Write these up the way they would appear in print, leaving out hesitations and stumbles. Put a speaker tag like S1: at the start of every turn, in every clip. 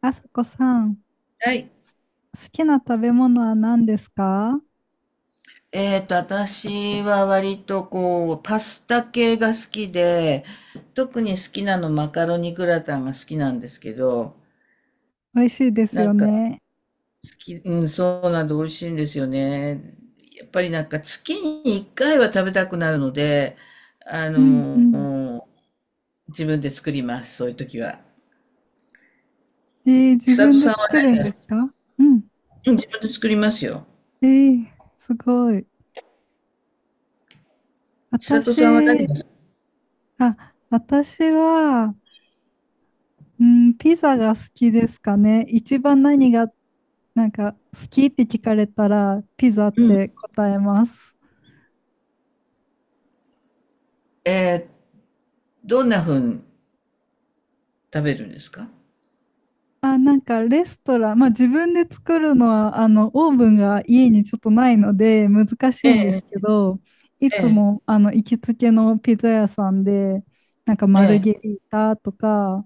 S1: あさこさん、好
S2: はい。
S1: きな食べ物は何ですか？
S2: 私は割とこう、パスタ系が好きで、特に好きなのマカロニグラタンが好きなんですけど、
S1: 美味しいです
S2: な
S1: よ
S2: んか、
S1: ね。
S2: うん、そうなんで美味しいんですよね。やっぱりなんか月に1回は食べたくなるので、あ
S1: うんうん。
S2: の自分で作ります、そういう時は。
S1: 自
S2: 千
S1: 分
S2: 里
S1: で
S2: さんは、
S1: 作る
S2: ね、
S1: んですか？うん。
S2: うん自分で作りますよ。
S1: えー、すごい。
S2: 千里さんは何
S1: 私、
S2: が、
S1: あ、私は、うん、ピザが好きですかね。一番何が、なんか、好きって聞かれたら、ピザっ
S2: うん、
S1: て答えます。
S2: えーどんな風に食べるんですか？
S1: あ、なんかレストラン、まあ自分で作るのは、オーブンが家にちょっとないので難し
S2: え
S1: いんですけ
S2: え、
S1: ど、い
S2: え
S1: つ
S2: え、
S1: も、行きつけのピザ屋さんで、なんか
S2: え
S1: マルゲ
S2: え。
S1: リータとか、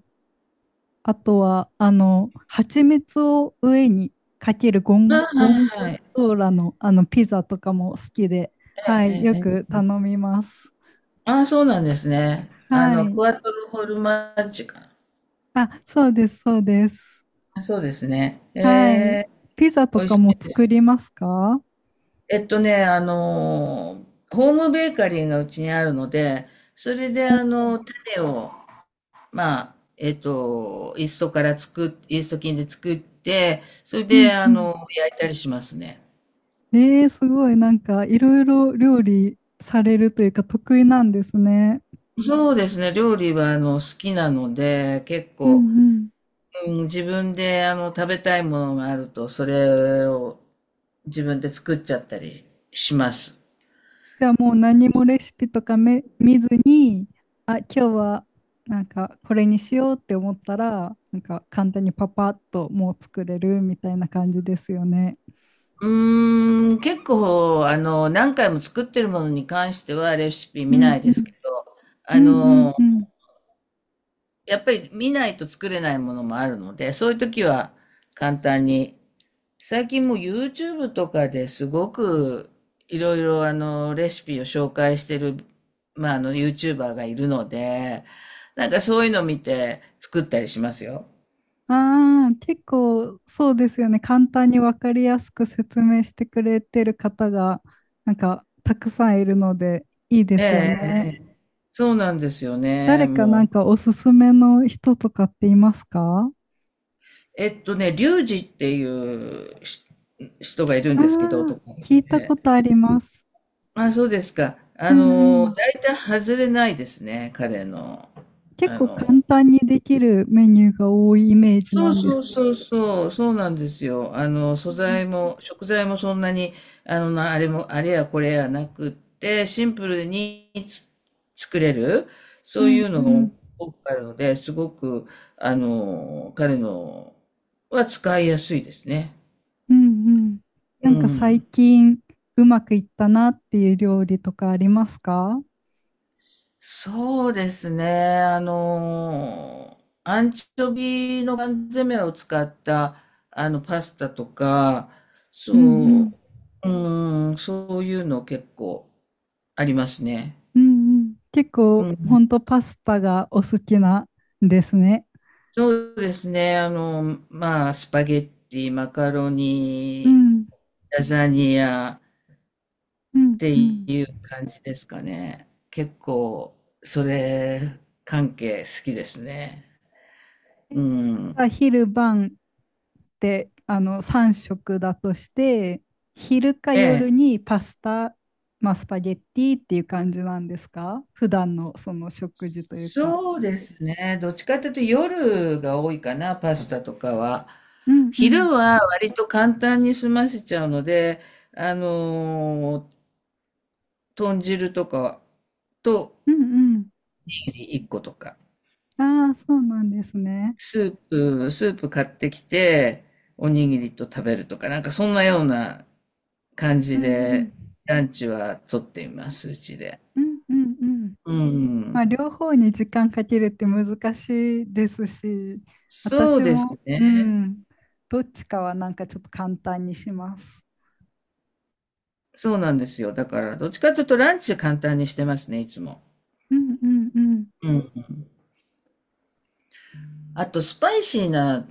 S1: あとは、蜂蜜を上にかけるゴ
S2: あ
S1: ン、
S2: あ、は
S1: ゴンゴ
S2: いはい。
S1: ゾーラの、ピザとかも好きで、は
S2: えええ
S1: い、
S2: え
S1: よ
S2: え
S1: く
S2: え。
S1: 頼みます。
S2: ああ、そうなんですね。
S1: は
S2: ク
S1: い。
S2: ワトロフォルマッジかな。
S1: あ、そうです、そうです。
S2: あ、そうですね。え
S1: はい。
S2: え、
S1: ピザと
S2: 美味し
S1: かも
S2: い
S1: 作
S2: です。
S1: りますか？
S2: えっとね、あの、ホームベーカリーがうちにあるので、それで種を、イースト菌で作って、それ
S1: う
S2: で
S1: んうん。
S2: 焼いたりしますね。
S1: えー、すごい、なんかいろいろ料理されるというか得意なんですね。
S2: そうですね、料理は好きなので、結
S1: う
S2: 構、
S1: んうん。
S2: うん、自分で食べたいものがあると、それを自分で作っちゃったりします。
S1: じゃあもう何もレシピとかめ見ずに、あ、今日はなんかこれにしようって思ったら、なんか簡単にパパッともう作れるみたいな感じですよね。
S2: う結構、何回も作ってるものに関してはレシピ
S1: う
S2: 見な
S1: ん
S2: い
S1: う
S2: です
S1: ん
S2: けど、
S1: う
S2: あ
S1: んうん
S2: の、
S1: うん。
S2: やっぱり見ないと作れないものもあるので、そういう時は簡単に最近もう YouTube とかですごくいろいろレシピを紹介してる、まあ、YouTuber がいるので、なんかそういうの見て作ったりしますよ。
S1: ああ、結構そうですよね。簡単に分かりやすく説明してくれてる方がなんかたくさんいるのでいいですよ
S2: ええ、
S1: ね。
S2: そうなんですよ
S1: 誰
S2: ね。
S1: かな
S2: も
S1: んか
S2: う。
S1: おすすめの人とかっていますか？
S2: リュウジっていう人がいるん
S1: ああ
S2: ですけど、
S1: ー、
S2: 男の子
S1: 聞いたこ
S2: で。
S1: とあります。
S2: まあ、そうですか。
S1: うんうん。
S2: 大体外れないですね、彼の、
S1: 結
S2: あ
S1: 構
S2: の、
S1: 簡単にできるメニューが多いイメージ
S2: そ
S1: な
S2: う
S1: んで
S2: そ
S1: す
S2: う
S1: けど。
S2: そうそう、そうなんですよ。素材も、食材もそんなに、なあれも、あれやこれやなくって、シンプルに作れる、
S1: う
S2: そうい
S1: ん
S2: う
S1: う
S2: の
S1: んう
S2: が
S1: ん。
S2: 多くあるので、すごく、彼のは使いやすいですね。
S1: うんうん。な
S2: う
S1: んか最
S2: ん。
S1: 近うまくいったなっていう料理とかありますか？
S2: そうですね。アンチョビの缶詰を使った、パスタとか、
S1: うんうん
S2: そう、うん、そういうの結構ありますね。
S1: うんうん。結
S2: う
S1: 構ほ
S2: ん、
S1: んとパスタがお好きなんですね。
S2: そうですね。まあ、スパゲッティ、マカロ
S1: う
S2: ニ、
S1: ん
S2: ラザニア
S1: う
S2: っ
S1: ん
S2: て
S1: う
S2: い
S1: ん。
S2: う感じですかね。結構、それ関係好きですね。うん。
S1: 朝昼晩って3食だとして昼か
S2: え
S1: 夜
S2: え。
S1: にパスタ、まあ、スパゲッティっていう感じなんですか？普段のその食事というか。
S2: そうですね。どっちかというと夜が多いかな、パスタとかは。
S1: うんうん
S2: 昼は割と簡単に済ませちゃうので、あのー豚汁とかと
S1: うんうん。
S2: おにぎり1個とか、
S1: ああ、そうなんですね。
S2: スープ買ってきて、おにぎりと食べるとか、なんかそんなような感
S1: う
S2: じ
S1: んうん
S2: で、ランチはとっています、うちで。
S1: うんうんうん。
S2: う
S1: まあ
S2: ん。
S1: 両方に時間かけるって難しいですし、
S2: そう
S1: 私
S2: です
S1: も、う
S2: ね。
S1: ん、どっちかはなんかちょっと簡単にします。
S2: そうなんですよ。だから、どっちかというとランチ簡単にしてますね、いつも。
S1: うんうんうん
S2: うん。あと、スパイシーな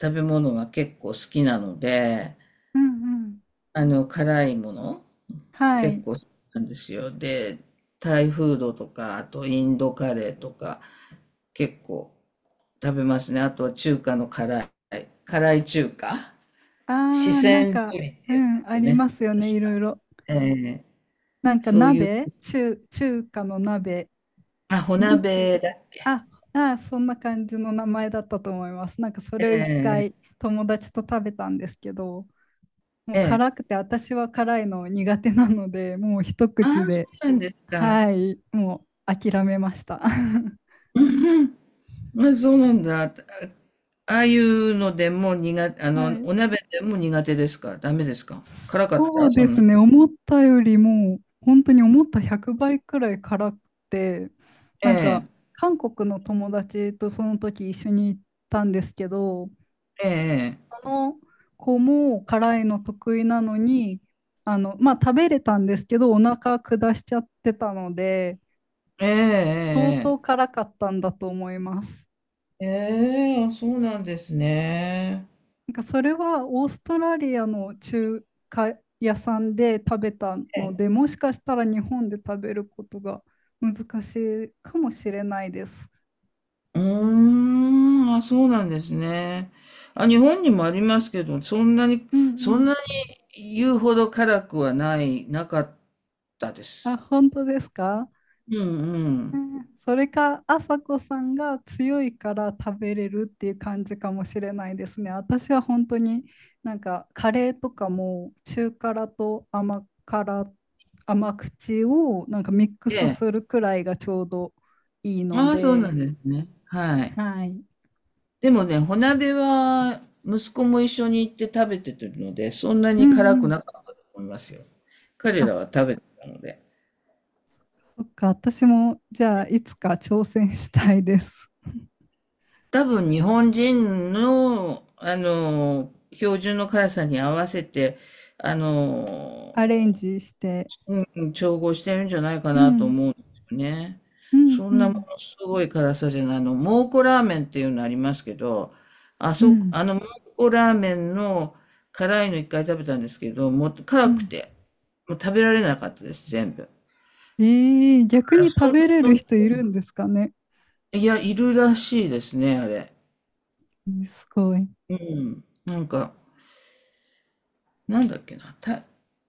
S2: 食べ物が結構好きなので、
S1: うんうん。
S2: 辛いもの
S1: は
S2: 結
S1: い。
S2: 構好きなんですよ。で、タイフードとか、あとインドカレーとか結構食べますね。あとは中華の辛い、辛い中華、
S1: あ
S2: 四
S1: あ、なん
S2: 川料
S1: か、
S2: 理っ
S1: う
S2: てやつで
S1: ん、
S2: す
S1: あ
S2: よ
S1: りま
S2: ね。
S1: すよね、いろいろ。
S2: ええ
S1: なんか
S2: そういう、
S1: 鍋、中華の鍋、
S2: あ、火
S1: なんて、
S2: 鍋だっけ。
S1: あ、あ、そんな感じの名前だったと思います。なんかそれを一
S2: え
S1: 回
S2: え
S1: 友達と食べたんですけど、もう
S2: ええ
S1: 辛くて、私は辛いの苦手なので、もう一口
S2: ああ、そ
S1: で、
S2: うなんですか。
S1: はい、もう諦めました。は
S2: うんうんまあ、そうなんだ。あ、ああいうのでも苦手、
S1: い。
S2: お鍋でも苦手ですか？ダメですか？辛かっ
S1: そ
S2: た
S1: う
S2: そ
S1: で
S2: ん
S1: す
S2: な。
S1: ね、思ったよりも、本当に思った100倍くらい辛くて、
S2: え
S1: なんか、
S2: え、
S1: 韓国の友達とその時一緒に行ったんですけど、
S2: ええ、
S1: その子も辛いの得意なのに、まあ、食べれたんですけど、お腹下しちゃってたので、
S2: え
S1: 相当
S2: え、
S1: 辛かったんだと思います。
S2: ええ、ええ、あそうなんですね。
S1: なんかそれはオーストラリアの中華屋さんで食べたので、もしかしたら日本で食べることが難しいかもしれないです。
S2: うーん、あ、そうなんですね。あ、日本にもありますけど、そんなに、
S1: うんう
S2: そんな
S1: ん。
S2: に言うほど辛くはない、なかったで
S1: あ、
S2: す。
S1: 本当ですか？
S2: うんう
S1: う
S2: ん。
S1: ん、それか、あさこさんが強いから食べれるっていう感じかもしれないですね。私は本当になんかカレーとかも中辛と甘辛、甘口をなんかミック
S2: え
S1: ス
S2: え。
S1: するくらいがちょうどいいの
S2: ああ、そうなん
S1: で。
S2: ですね。はい。
S1: はい。
S2: でもね、穂鍋は息子も一緒に行って食べてるので、そんな
S1: う
S2: に辛
S1: んう
S2: く
S1: ん。
S2: なかったと思いますよ。彼
S1: あ、
S2: らは食べてたので。
S1: そっか。私も、じゃあ、いつか挑戦したいです。
S2: 多分日本人の、標準の辛さに合わせて、あ
S1: アレン
S2: の、
S1: ジして。
S2: うん、うん、調合してるんじゃないか
S1: う
S2: なと
S1: ん、
S2: 思うんですよね。
S1: うん、
S2: そ
S1: う
S2: んなも
S1: ん、
S2: のすごい辛さじゃないの。蒙古ラーメンっていうのありますけど、あ
S1: う
S2: そ、
S1: ん、
S2: あの蒙古ラーメンの辛いの1回食べたんですけど、もう
S1: う
S2: 辛く
S1: ん。
S2: て、もう食べられなかったです、全部。
S1: ええ、逆
S2: あ
S1: に
S2: そ
S1: 食
S2: んな
S1: べれ
S2: そ
S1: る
S2: ん
S1: 人いる
S2: な
S1: んですかね。
S2: いや、いるらしいですね、あれ。
S1: えーすごい。
S2: うん。なんか、なんだっけな、た、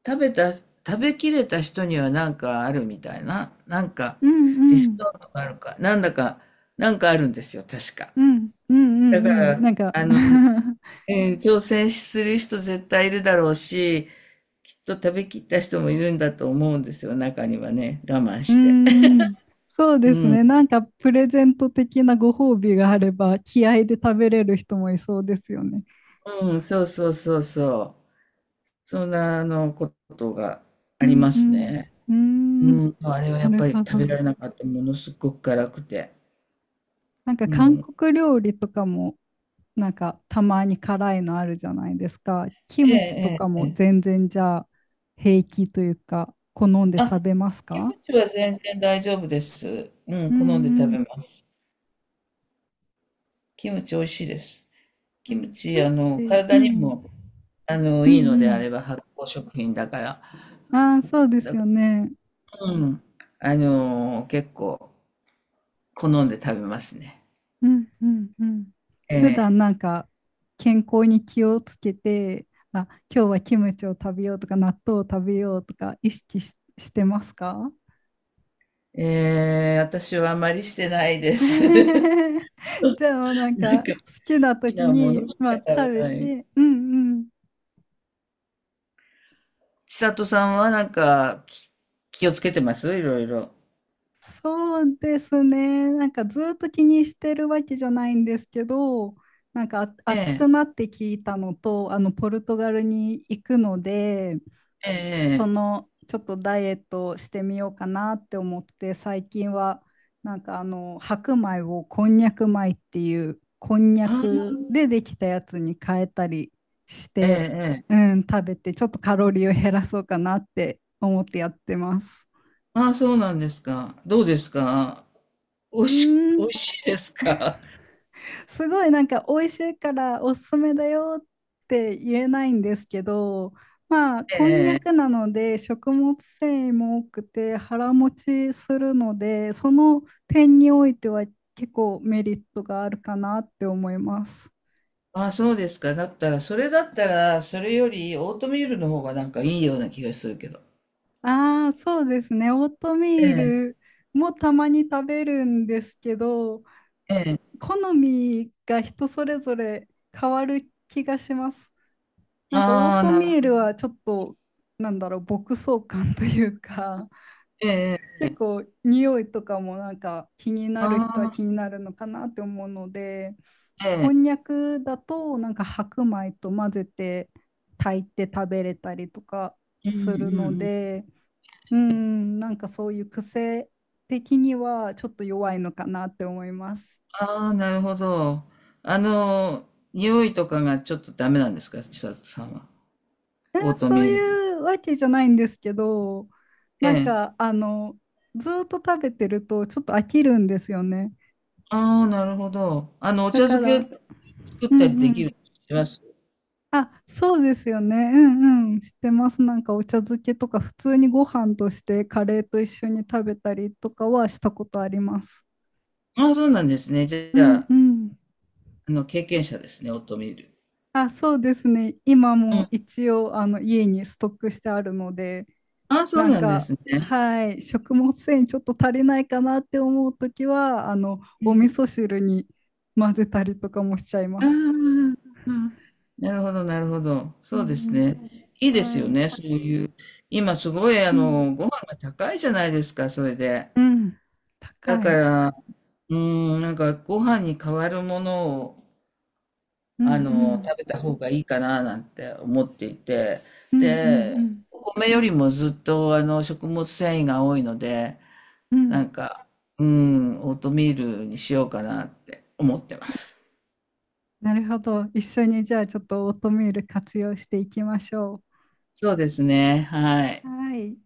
S2: 食べた、食べきれた人にはなんかあるみたいな、なんか
S1: うん、
S2: ディ
S1: う
S2: ス
S1: ん、
S2: カウントがあるか、なんだか、なんかあるんですよ、確か。
S1: うん、うん、う
S2: だか
S1: ん、うん。
S2: ら、
S1: なんか
S2: あ
S1: う
S2: の、挑戦する人絶対いるだろうし、きっと食べきった人もいるんだと思うんですよ、中にはね、我慢
S1: ー
S2: して。
S1: ん、そう
S2: う
S1: です
S2: ん。
S1: ね。なんか、プレゼント的なご褒美があれば、気合で食べれる人もいそうですよね。
S2: うん、そうそうそうそう。そんな、ことが
S1: う
S2: あり
S1: ん、
S2: ま
S1: う
S2: す
S1: ん、
S2: ね。
S1: うーん、
S2: うん、あれは
S1: な
S2: やっ
S1: る
S2: ぱり
S1: ほど。
S2: 食べられなかった、ものすごく辛くて。
S1: なんか
S2: も
S1: 韓
S2: う
S1: 国料理とかもなんかたまに辛いのあるじゃないですか。キ
S2: ええ
S1: ムチとか
S2: えええ
S1: も
S2: え。
S1: 全然じゃあ平気というか好んで
S2: あ、
S1: 食べます
S2: キム
S1: か？
S2: チは全然大丈夫です。う
S1: う
S2: ん、好んで食
S1: ん
S2: べます。キムチ美味しいです。
S1: う
S2: キ
S1: ん。
S2: ム
S1: キ
S2: チ、
S1: ムチ、う
S2: 体に
S1: ん。
S2: も、
S1: うん
S2: いいので
S1: う
S2: あ
S1: ん。
S2: れば発酵食品だから、
S1: ああ、そうです
S2: だか
S1: よね。
S2: ら、うん、結構好んで食べますね。
S1: うんうんうん。
S2: え
S1: 普段
S2: え、
S1: なんか健康に気をつけて、あ、今日はキムチを食べようとか納豆を食べようとか意識し、してますか？
S2: ええ、私はあまりしてないです。
S1: じ ゃあもうなん
S2: なん
S1: か好
S2: か、好
S1: きな
S2: き
S1: 時
S2: なもの
S1: に、
S2: しか
S1: まあ、食
S2: 食べ
S1: べ
S2: ない。
S1: て、うんうん。
S2: 千里さんはなんか、気をつけてますいろいろ？
S1: そうですね。なんかずっと気にしてるわけじゃないんですけど、なんかあ
S2: え
S1: 暑
S2: え、
S1: くなって聞いたのと、あのポルトガルに行くので、
S2: え
S1: そ
S2: え、ええ
S1: のちょっとダイエットをしてみようかなって思って最近はなんか白米をこんにゃく米っていうこんにゃ
S2: あ
S1: く
S2: あ、
S1: でできたやつに変えたりし
S2: ええ、
S1: て、
S2: え
S1: う
S2: え。
S1: ん、食べてちょっとカロリーを減らそうかなって思ってやってます。
S2: ああ、そうなんですか。どうですか？おい
S1: うー
S2: し、美
S1: ん、
S2: 味しいですか？
S1: すごいなんか美味しいからおすすめだよって言えないんですけど、まあ
S2: え
S1: こんにゃく
S2: え。
S1: なので食物繊維も多くて腹持ちするので、その点においては結構メリットがあるかなって思います。
S2: ああ、そうですか。だったら、それだったら、それよりオートミールの方がなんかいいような気がするけど。
S1: ああ、そうですね。オートミ
S2: え
S1: ー
S2: え、
S1: ルもたまに食べるんですけど、
S2: ええ。
S1: と好みが人それぞれ変わる気がします。なんかオー
S2: ああ、
S1: ト
S2: な
S1: ミ
S2: る
S1: ー
S2: ほ
S1: ル
S2: ど。
S1: はちょっとなんだろう牧草感というか
S2: ええ、
S1: 結構匂いとかもなんか気になる人は
S2: あ
S1: 気
S2: あ、
S1: になるのかなって思うので
S2: え
S1: こ
S2: え。
S1: んにゃくだとなんか白米と混ぜて炊いて食べれたりとか
S2: うんう
S1: する
S2: ん
S1: の
S2: うん。
S1: でうんなんかそういう癖的にはちょっと弱いのかなって思います。
S2: ああ、なるほど。あの、匂いとかがちょっとダメなんですか千里さんは？
S1: え
S2: オー
S1: ー
S2: ト
S1: そう
S2: ミールの。
S1: いうわけじゃないんですけど、
S2: え
S1: なん
S2: え。
S1: かずーっと食べてるとちょっと飽きるんですよね。
S2: ああ、なるほど。お
S1: だ
S2: 茶
S1: か
S2: 漬け
S1: ら、
S2: 作っ
S1: う
S2: たり
S1: ん
S2: で
S1: う
S2: きる
S1: ん。
S2: します
S1: あ、そうですよね。うんうん。知ってます。なんかお茶漬けとか普通にご飯としてカレーと一緒に食べたりとかはしたことあります。
S2: ああ、そうなんですね。じ
S1: う
S2: ゃ
S1: ん
S2: あ、
S1: うん。
S2: 経験者ですね、オートミール。
S1: あ、そうですね。今
S2: う
S1: も
S2: ん。
S1: 一応あの家にストックしてあるので、
S2: ああ、そう
S1: なん
S2: なんで
S1: か、
S2: すね。
S1: はい、食物繊維ちょっと足りないかなって思うときは、
S2: う
S1: お味
S2: ん。
S1: 噌汁に混ぜたりとかもしちゃい
S2: ああ、
S1: ま
S2: あ
S1: す。
S2: あなるほど、なるほど。
S1: う
S2: そうです
S1: ん
S2: ね。いい
S1: う
S2: です
S1: ん。
S2: よ
S1: はい。
S2: ね、そういう。今すごい、
S1: うん。
S2: ご飯が高いじゃないですか、それで。
S1: うん。
S2: だ
S1: 高
S2: か
S1: い。
S2: ら、うん、なんかご飯に代わるものを、
S1: うんうん
S2: 食べた方がいいかな、なんて思っていて。
S1: うんうん
S2: で、
S1: うん
S2: お米よりもずっと、食物繊維が多いので、
S1: う
S2: な
S1: ん、
S2: んか、うん、オートミールにしようかなって思ってます。
S1: なるほど。一緒にじゃあちょっとオートミール活用していきましょ
S2: そうですね、はい。
S1: う。はい。